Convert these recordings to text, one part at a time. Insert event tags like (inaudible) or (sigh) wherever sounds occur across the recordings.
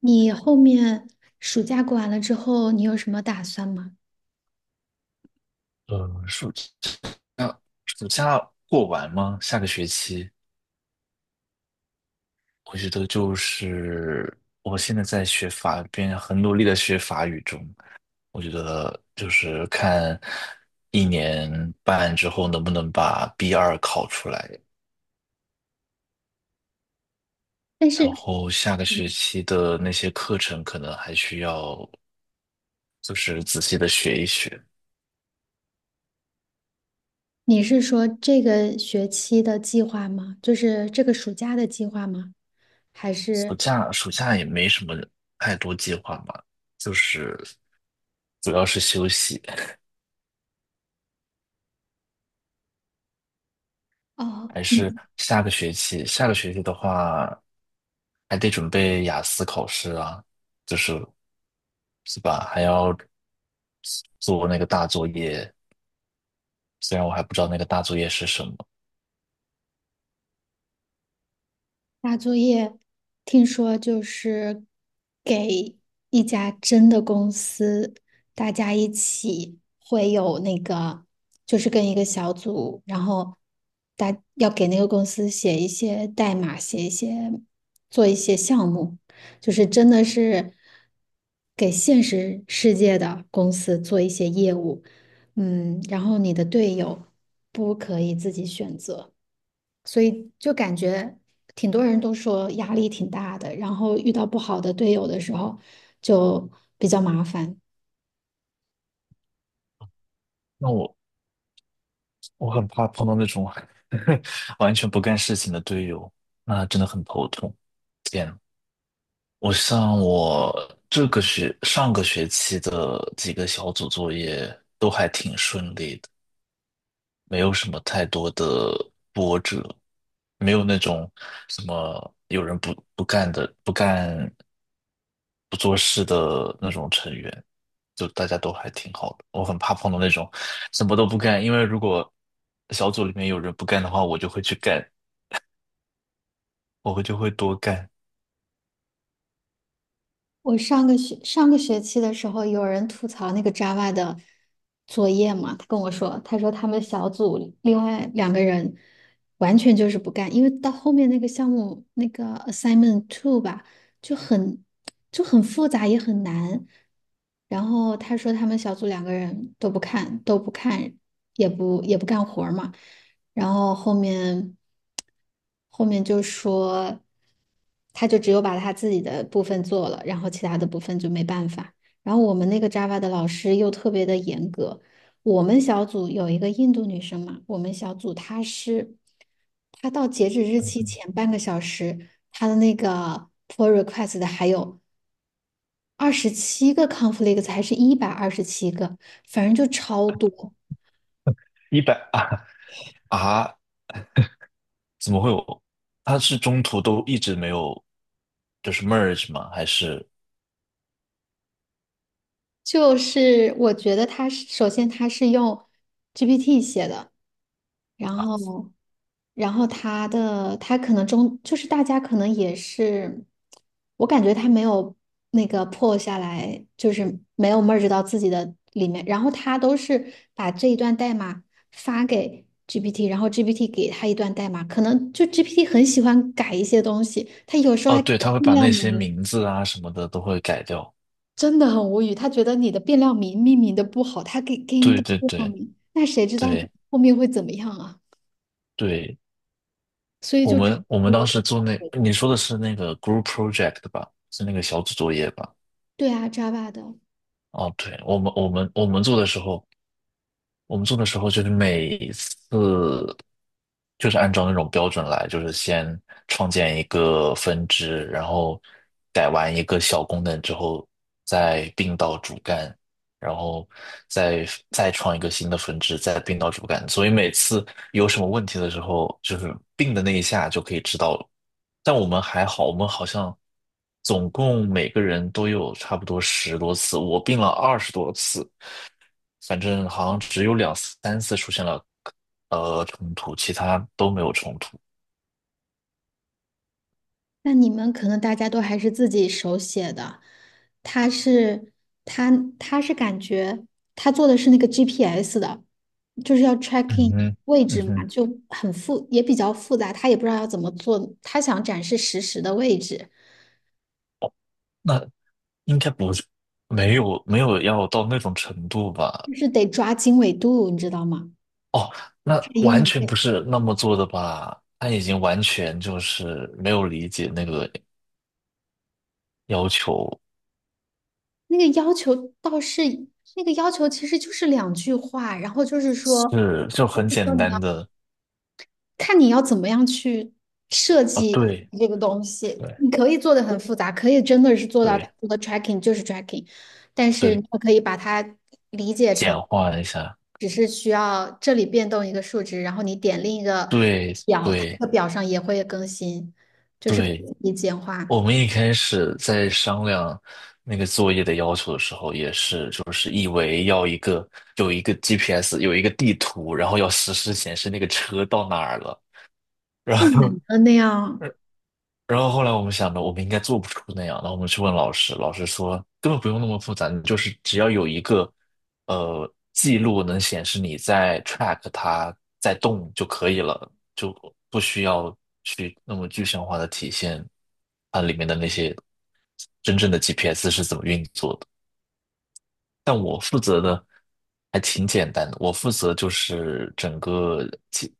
你后面暑假过完了之后，你有什么打算吗？呃，暑假暑假过完吗？下个学期，我觉得就是我现在在学法语，边很努力的学法语中，我觉得就是看一年半之后能不能把 B2考出来，但然是后下个学期的那些课程可能还需要就是仔细的学一学。你是说这个学期的计划吗？就是这个暑假的计划吗？还暑是假暑假也没什么太多计划嘛，就是主要是休息。哦，还是下个学期？下个学期的话，还得准备雅思考试啊，就是是吧？还要做那个大作业，虽然我还不知道那个大作业是什么。大作业，听说就是给一家真的公司，大家一起会有那个，就是跟一个小组，然后大要给那个公司写一些代码，写一些做一些项目，就是真的是给现实世界的公司做一些业务，嗯，然后你的队友不可以自己选择。所以就感觉挺多人都说压力挺大的，然后遇到不好的队友的时候就比较麻烦。那我很怕碰到那种 (laughs) 完全不干事情的队友，那真的很头痛。天，我像我这个学上个学期的几个小组作业都还挺顺利的，没有什么太多的波折。没有那种什么有人不做事的那种成员，就大家都还挺好的。我很怕碰到那种什么都不干，因为如果小组里面有人不干的话，我就会去干，我就会多干。我上个学期的时候，有人吐槽那个 Java 的作业嘛，他跟我说，他说他们小组另外两个人完全就是不干，因为到后面那个项目那个 assignment two 吧，就很就很复杂也很难。然后他说他们小组两个人都不看，都不看，也不干活儿嘛。然后后面就说，他就只有把他自己的部分做了，然后其他的部分就没办法。然后我们那个 Java 的老师又特别的严格。我们小组有一个印度女生嘛，我们小组她是，她到截止日期前半个小时，她的那个 pull request 的还有27个 conflict，s 还是127个，反正就超多。一百啊，啊，怎么会有？他是中途都一直没有，就是 merge 吗？还是？就是我觉得它是用 GPT 写的，然后然后它可能就是大家可能也是，我感觉它没有那个破下来，就是没有 merge 到自己的里面，然后它都是把这一段代码发给 GPT，然后 GPT 给它一段代码，可能就 GPT 很喜欢改一些东西，它有时候哦，还改对，他会不把了。那些名字啊什么的都会改掉。真的很无语。他觉得你的变量名命名的不好，他给你对改对变量对名，那谁知道你对，后面会怎么样啊？对，所以我就差们我不们多当的。时做那，你说的是那个 group project 吧？是那个小组作业吧？对啊，Java 的。哦，对，我们做的时候，我们做的时候就是每次就是按照那种标准来，就是先创建一个分支，然后改完一个小功能之后，再并到主干，然后再再创一个新的分支，再并到主干。所以每次有什么问题的时候，就是并的那一下就可以知道了。但我们还好，我们好像总共每个人都有差不多十多次，我并了20多次。反正好像只有2、3次出现了冲突，其他都没有冲突。那你们可能大家都还是自己手写的。他是他他感觉他做的是那个 GPS 的，就是要 嗯 tracking 哼，位嗯置嘛，哼，就很复也比较复杂，他也不知道要怎么做。他想展示实时的位置，那应该不是，没有要到那种程度吧？就是得抓经纬度，你知道吗？哦，那他用完全了不是那么做的吧？他已经完全就是没有理解那个要求，那个要求倒是那个要求，其实就是两句话，然后就是说，是就很就是简说你单要的看你要怎么样去设啊，计对这个东西，对你可以做的很复杂，可以真的是做到它对，除了 tracking 就是 tracking，但是你对，也可以把它理解简成化一下，只是需要这里变动一个数值，然后你点另一个对表，它对的表上也会更新，就是可对。以简化，太我们一开始在商量那个作业的要求的时候，也是就是以为要一个有一个 GPS，有一个地图，然后要实时显示那个车到哪儿了，然难后 (laughs)。了那样。然后后来我们想着，我们应该做不出那样。然后我们去问老师，老师说根本不用那么复杂，你就是只要有一个记录能显示你在 track 它在动就可以了，就不需要去那么具象化的体现它里面的那些真正的 GPS 是怎么运作的。但我负责的还挺简单的，我负责就是整个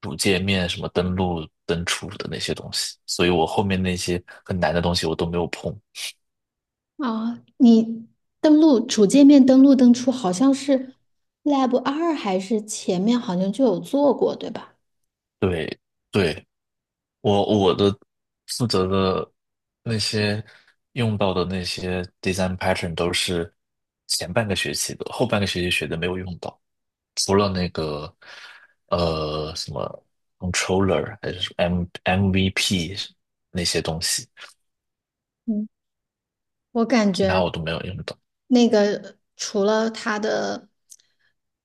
主界面什么登录、登出的那些东西，所以我后面那些很难的东西我都没有碰。啊，你登录主界面登录登出，好像是 Lab 二还是前面好像就有做过，对吧？对，对，我负责的那些用到的那些 design pattern 都是前半个学期的，后半个学期学的没有用到。除了那个呃什么 controller 还是什么 M MVP 那些东西，嗯，我感其觉他我都没有用到。那个除了它的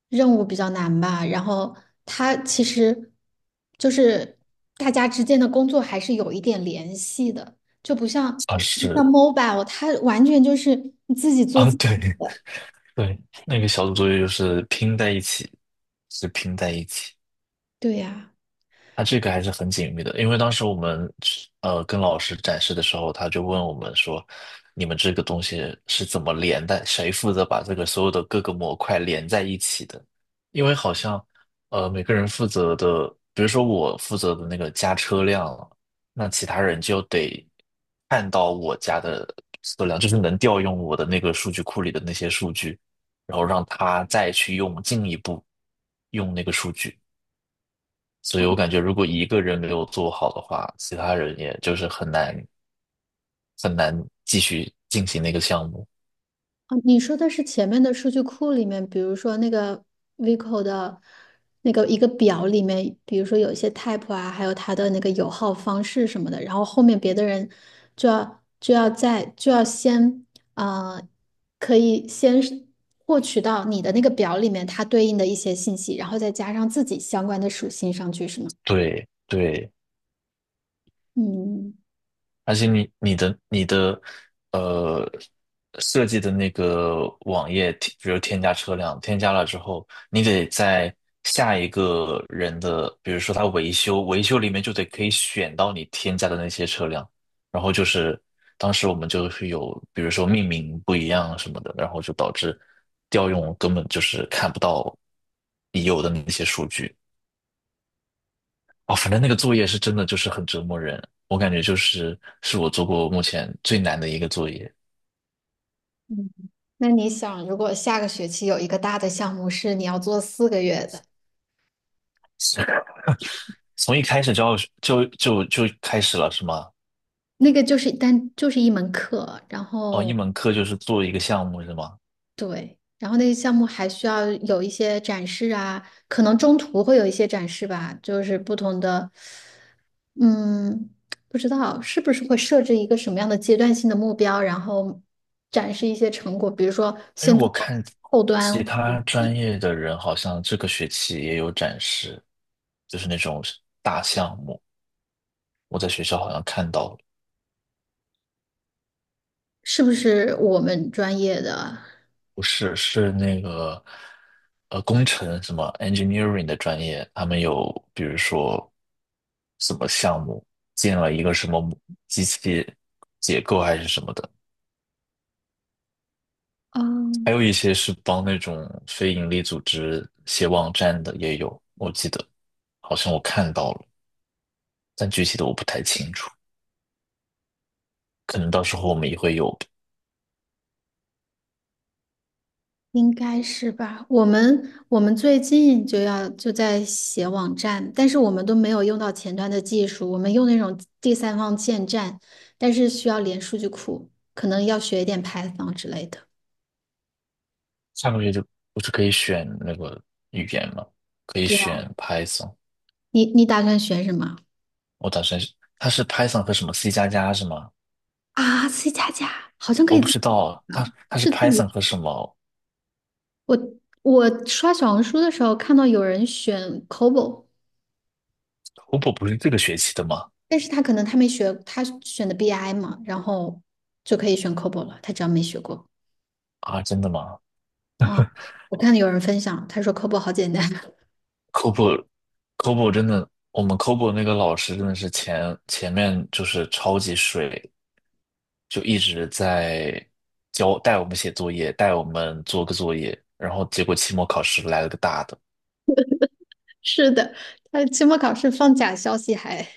任务比较难吧，然后它其实就是大家之间的工作还是有一点联系的，就不像啊像 是 mobile，它完全就是你自己做啊，自对 己。(laughs) 对，那个小组作业就是拼在一起，是拼在一起。对呀。他这个还是很紧密的，因为当时我们跟老师展示的时候，他就问我们说，你们这个东西是怎么连的？谁负责把这个所有的各个模块连在一起的？因为好像每个人负责的，比如说我负责的那个加车辆，了，那其他人就得看到我家的车辆，就是能调用我的那个数据库里的那些数据，然后让他再去用进一步用那个数据。所以我感觉如果一个人没有做好的话，其他人也就是很难很难继续进行那个项目。哦，你说的是前面的数据库里面，比如说那个 Vico 的那个一个表里面，比如说有一些 type 啊，还有它的那个油耗方式什么的，然后后面别的人就要先呃，可以先是获取到你的那个表里面它对应的一些信息，然后再加上自己相关的属性上去，是吗？对对，嗯。而且你的呃设计的那个网页，比如添加车辆，添加了之后，你得在下一个人的，比如说他维修，维修里面就得可以选到你添加的那些车辆，然后就是当时我们就是有，比如说命名不一样什么的，然后就导致调用根本就是看不到已有的那些数据。哦，反正那个作业是真的就是很折磨人，我感觉就是是我做过目前最难的一个作业，嗯，那你想，如果下个学期有一个大的项目是你要做4个月的？从一开始就要就开始了是吗？那个就是一门课，然哦，一后门课就是做一个项目是吗？对，然后那个项目还需要有一些展示啊，可能中途会有一些展示吧，就是不同的，嗯，不知道是不是会设置一个什么样的阶段性的目标，然后展示一些成果，比如说哎，先我做看后其端，他专业的人好像这个学期也有展示，就是那种大项目，我在学校好像看到了。是不是我们专业的？不是，是那个工程什么 engineering 的专业，他们有比如说什么项目建了一个什么机器结构还是什么的，哦，还有一些是帮那种非盈利组织写网站的也有，我记得好像我看到了，但具体的我不太清楚，可能到时候我们也会有。应该是吧？我们最近就在写网站，但是我们都没有用到前端的技术，我们用那种第三方建站，但是需要连数据库，可能要学一点 Python 之类的。下个月就不是可以选那个语言吗？可以对啊，选 Python，你打算学什么我打算是它是 Python 和什么 C++是吗？啊？C 加加好像可我以不知道，他是 是自 Python 己 和什么 (laughs)。我我刷小红书的时候看到有人选 COBOL，COBO 不是这个学期的吗？但是他可能没学，他选的 BI 嘛，然后就可以选 COBOL 了，他只要没学过。啊，真的吗 哦，我看有人分享，他说科普好简单。(laughs) c o b o c o b o 真的，我们 COBO 那个老师真的是前面就是超级水，就一直在教带我们写作业，带我们做个作业，然后结果期末考试来了个大的。是的，他期末考试放假消息还，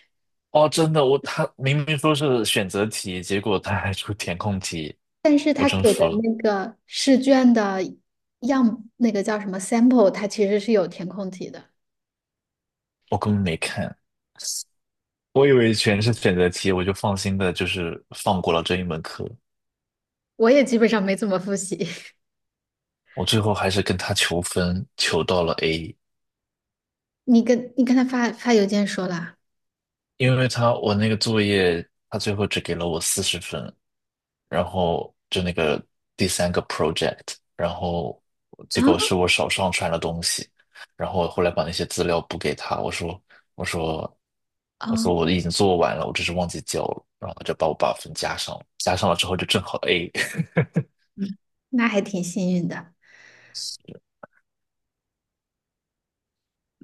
哦，真的，我他明明说是选择题，结果他还出填空题，但是我他真给服的了，那个试卷的样，那个叫什么 sample，他其实是有填空题的。我根本没看。我以为全是选择题，我就放心的，就是放过了这一门课。我也基本上没怎么复习。(laughs) 我最后还是跟他求分，求到了 A，你跟他发邮件说了因为他我那个作业，他最后只给了我40分，然后就那个第三个 project，然后结果啊？是我少上传了东西，然后我后来把那些资料补给他，我说我说哦，我已经做完了，我只是忘记交了，然后他就把我把分加上了，加上了之后就正好 A。那还挺幸运的。(laughs)